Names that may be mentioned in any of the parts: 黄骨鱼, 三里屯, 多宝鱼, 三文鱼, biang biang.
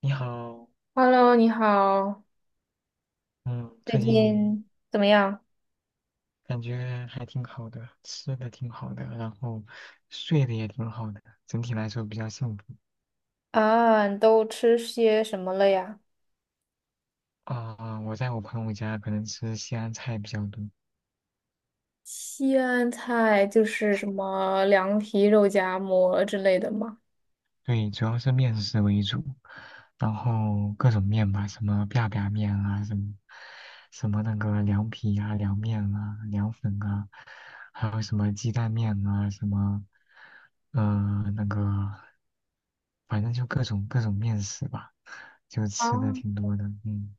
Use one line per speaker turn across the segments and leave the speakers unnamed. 你好。
Hello，你好。
嗯，
最
最近
近怎么样？
感觉还挺好的，吃的挺好的，然后睡的也挺好的，整体来说比较幸福。
啊，你都吃些什么了呀？
啊、我在我朋友家可能吃西安菜比较多，
西安菜就是什么凉皮、肉夹馍之类的嘛，
对，主要是面食为主，然后各种面吧，什么 biang biang 面啊，什么那个凉皮啊、凉面啊、凉粉啊，还有什么鸡蛋面啊，什么那个。反正就各种各种面食吧，就
啊，
吃的挺多的。嗯，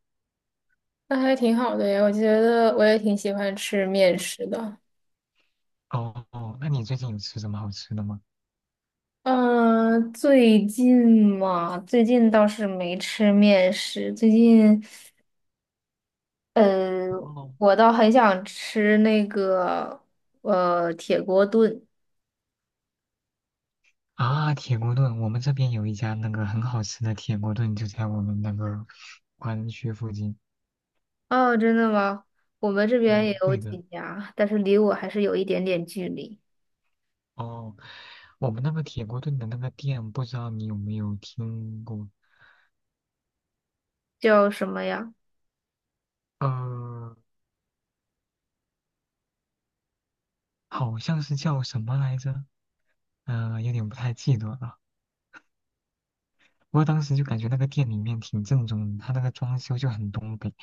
那还挺好的呀。我觉得我也挺喜欢吃面食的。
哦哦，那你最近有吃什么好吃的吗？
嗯，最近嘛，最近倒是没吃面食。最近，呃，
哦，
我倒很想吃那个铁锅炖。
啊，铁锅炖，我们这边有一家那个很好吃的铁锅炖，就在我们那个华人区附近。
哦，真的吗？我们这边也
嗯，
有
对的，
几家，但是离我还是有一点点距离。
哦，我们那个铁锅炖的那个店，不知道你有没有听过？
叫什么呀？
呃，好像是叫什么来着？有点不太记得了。不过当时就感觉那个店里面挺正宗的，它那个装修就很东北，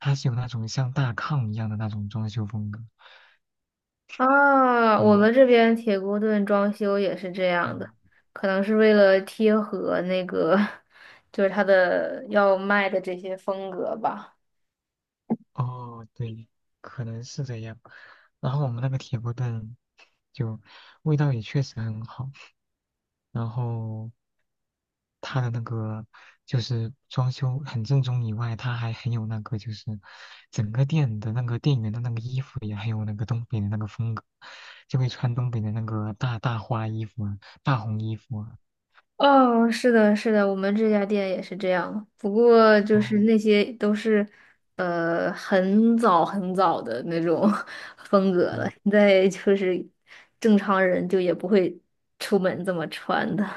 它是有那种像大炕一样的那种装修风格。
啊，我
对，
们这边铁锅炖装修也是这样的，
嗯，
可能是为了贴合那个，就是它的要卖的这些风格吧。
哦，对，可能是这样。然后我们那个铁锅炖就味道也确实很好，然后它的那个就是装修很正宗以外，它还很有那个就是整个店的那个店员的那个衣服也很有那个东北的那个风格，就会穿东北的那个大大花衣服啊，大红衣服啊。
哦，是的，是的，我们这家店也是这样。不过就
哦
是那些都是，很早很早的那种 风格了。
哦
现在就是正常人就也不会出门这么穿的。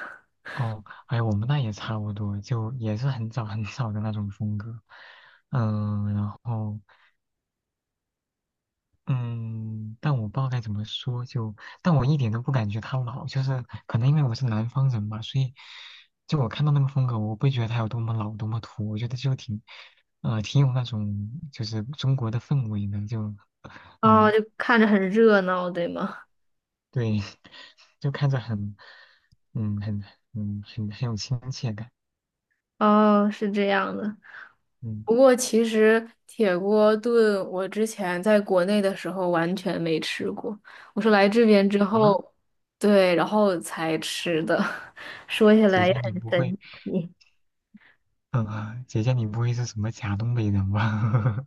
哦，哎，我们那也差不多，就也是很早很早的那种风格，然后嗯，但我不知道该怎么说，就但我一点都不感觉它老，就是可能因为我是南方人吧，所以就我看到那个风格，我不会觉得它有多么老多么土，我觉得就挺挺有那种就是中国的氛围的，就
哦，
嗯
就看着很热闹，对吗？
对，就看着很很很有亲切感，
哦，是这样的。
嗯。
不过其实铁锅炖，我之前在国内的时候完全没吃过，我是来这边之
啊，
后，对，然后才吃的。说起
姐
来也
姐你
很
不会，
神奇。
姐姐你不会是什么假东北人吧？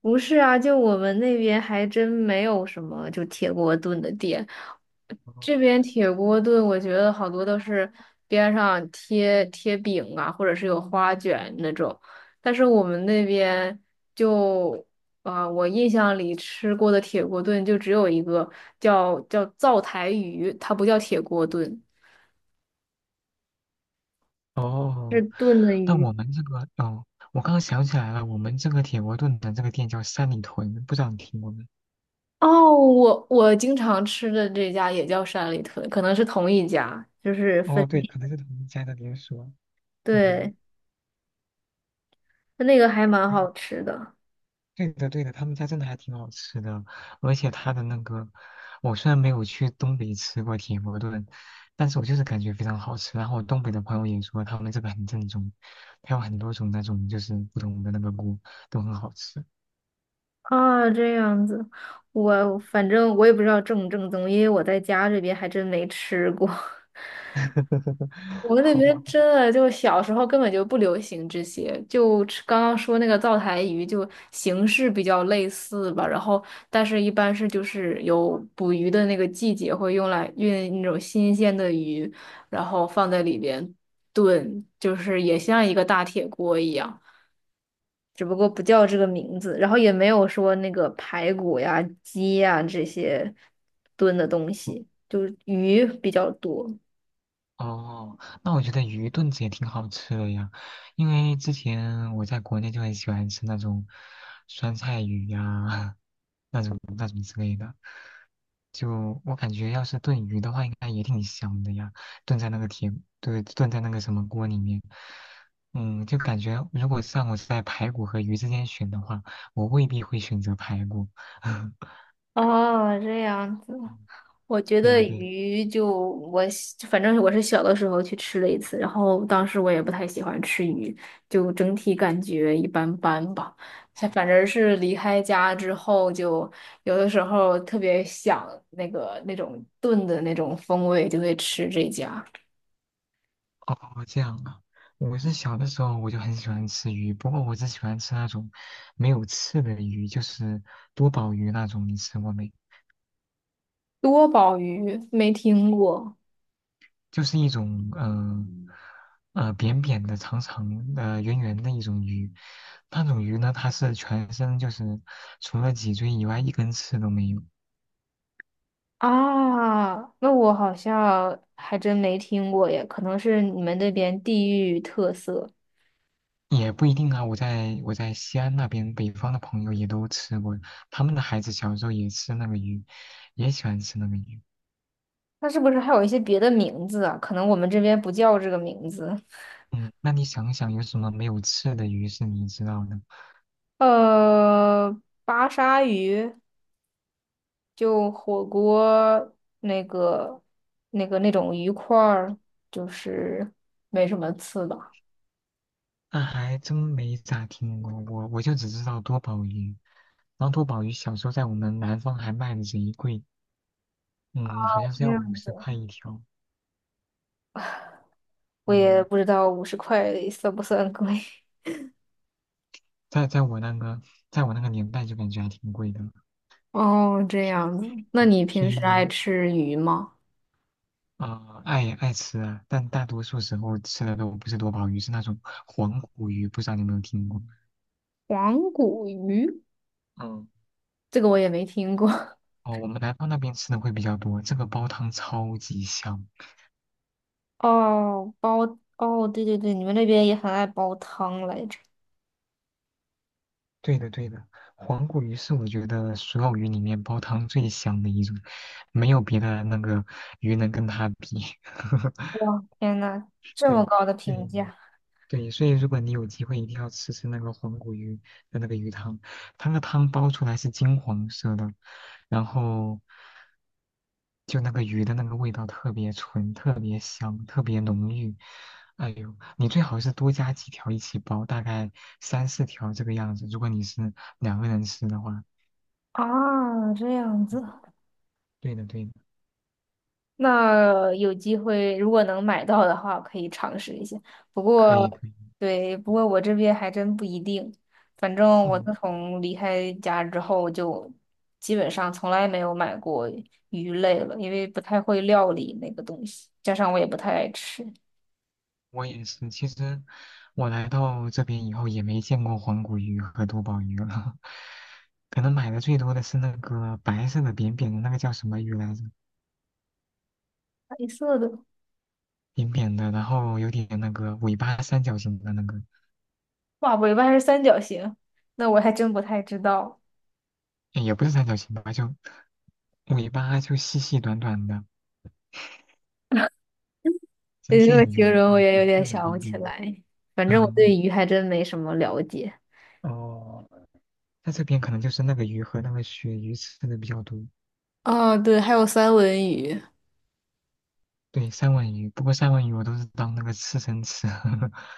不是啊，就我们那边还真没有什么就铁锅炖的店，这 边铁锅炖，我觉得好多都是边上贴贴饼啊，或者是有花卷那种。但是我们那边就啊、我印象里吃过的铁锅炖就只有一个叫灶台鱼，它不叫铁锅炖，是
哦，
炖的
但
鱼。
我们这个，哦，我刚刚想起来了，我们这个铁锅炖的这个店叫三里屯，不知道你听过没？
哦，我经常吃的这家也叫山里屯，可能是同一家，就是分，
哦，对，可能是同一家的连锁。嗯，
对，那个还蛮
哎，
好吃的。
对的，对的，他们家真的还挺好吃的，而且他的那个，我虽然没有去东北吃过铁锅炖，但是我就是感觉非常好吃。然后我东北的朋友也说他们这个很正宗，它有很多种那种就是不同的那个锅都很好吃。
啊，这样子，我反正我也不知道正不正宗，因为我在家这边还真没吃过。我 们那
好
边
吧。
真的就小时候根本就不流行这些，就吃刚刚说那个灶台鱼，就形式比较类似吧。然后，但是一般是就是有捕鱼的那个季节会用来运那种新鲜的鱼，然后放在里边炖，就是也像一个大铁锅一样。只不过不叫这个名字，然后也没有说那个排骨呀、鸡呀这些炖的东西，就是鱼比较多。
哦，那我觉得鱼炖子也挺好吃的呀，因为之前我在国内就很喜欢吃那种酸菜鱼呀、那种之类的。就我感觉，要是炖鱼的话，应该也挺香的呀，炖在那个铁，对，炖在那个什么锅里面。就感觉如果是让我在排骨和鱼之间选的话，我未必会选择排骨。
哦，这样子，我觉
对
得
呀，对。
鱼就我喜反正我是小的时候去吃了一次，然后当时我也不太喜欢吃鱼，就整体感觉一般般吧。像反正是离开家之后，就有的时候特别想那个那种炖的那种风味，就会吃这家。
哦，这样啊。我是小的时候我就很喜欢吃鱼，不过我只喜欢吃那种没有刺的鱼，就是多宝鱼那种，你吃过没？
多宝鱼没听过
就是一种扁扁的、长长的、圆圆的一种鱼。那种鱼呢，它是全身就是除了脊椎以外一根刺都没有，
啊，那我好像还真没听过耶，可能是你们那边地域特色。
也不一定啊。我在西安那边北方的朋友也都吃过，他们的孩子小时候也吃那个鱼，也喜欢吃那个鱼。
那是不是还有一些别的名字啊？可能我们这边不叫这个名字。
嗯，那你想想有什么没有刺的鱼是你知道的？
呃，巴沙鱼就火锅那个那个那种鱼块儿，就是没什么刺吧。
那还真没咋听过，我就只知道多宝鱼。然后多宝鱼小时候在我们南方还卖的贼贵，嗯，好像是
这
要五
样
十
子，
块一条，
我也
嗯，
不知道50块算不算贵。
在在我那个在我那个年代就感觉还挺贵的，
哦，这样子。那
嗯
你
所
平
以
时爱吃鱼吗？
啊、爱吃啊，但大多数时候吃的都不是多宝鱼，是那种黄骨鱼，不知道你有没有听过？
黄骨鱼。
嗯，
这个我也没听过。
哦，我们南方那边吃的会比较多，这个煲汤超级香。
哦，煲，哦，对对对，你们那边也很爱煲汤来着。
对的，对的，黄骨鱼是我觉得所有鱼里面煲汤最香的一种，没有别的那个鱼能跟它比。
哇，天呐，这么
对
高的评
对，
价
对，所以如果你有机会，一定要吃吃那个黄骨鱼的那个鱼汤，它那个汤煲出来是金黄色的，然后就那个鱼的那个味道特别纯，特别香，特别浓郁。哎呦，你最好是多加几条一起煲，大概三四条这个样子。如果你是2个人吃的话，
啊，这样子。
对的对的，
那有机会，如果能买到的话，可以尝试一下。不
可以
过，
可以，
对，不过我这边还真不一定。反正我
嗯。
自从离开家之后，就基本上从来没有买过鱼类了，因为不太会料理那个东西，加上我也不太爱吃。
我也是，其实我来到这边以后也没见过黄骨鱼和多宝鱼了，可能买的最多的是那个白色的扁扁的那个叫什么鱼来着？
白色的，
扁扁的，然后有点那个尾巴三角形的那个，
哇，尾巴还是三角形，那我还真不太知道。
诶也不是三角形吧，就尾巴就细细短短的，整
你
体
这么
很圆
形容，我
的，
也
白
有点
色的
想
扁
不起
扁的。
来。反正我
嗯，
对鱼还真没什么了解。
哦，在这边可能就是那个鱼和那个鳕鱼吃的比较多，
啊，对，还有三文鱼。
对，三文鱼。不过三文鱼我都是当那个刺身吃。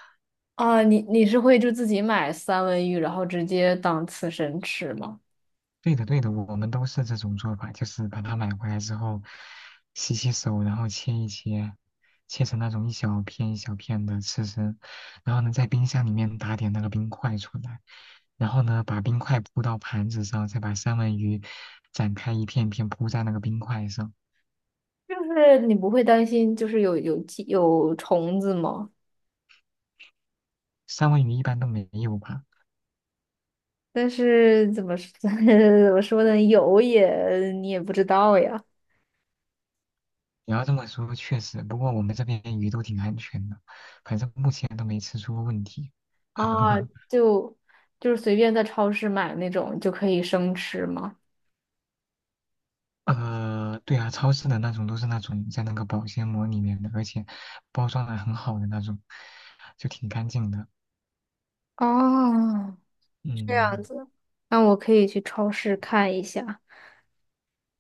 啊，你是会就自己买三文鱼，然后直接当刺身吃吗？
对的，对的，我们都是这种做法，就是把它买回来之后，洗洗手，然后切一切，切成那种一小片一小片的吃吃，然后呢，在冰箱里面打点那个冰块出来，然后呢，把冰块铺到盘子上，再把三文鱼展开一片片铺在那个冰块上。
就是你不会担心就是有虫子吗？
三文鱼一般都没有吧？
但是怎么说 怎么说呢，有也你也不知道呀。
你要这么说，确实，不过我们这边鱼都挺安全的，反正目前都没吃出过问题。
啊，就就是随便在超市买那种就可以生吃吗？
对啊，超市的那种都是那种在那个保鲜膜里面的，而且包装的很好的那种，就挺干净的。
哦，这样
嗯，
子，那我可以去超市看一下。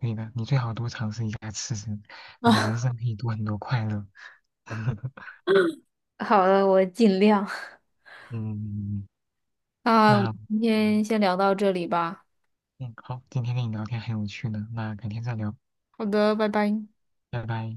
可以的，你最好多尝试一下吃吃，你的人
啊，
生可以多很多快乐。
好的，我尽量。
嗯，
那我们
那
今天先聊到这里吧。
嗯，好，今天跟你聊天很有趣呢，那改天再聊，
好的，拜拜。
拜拜。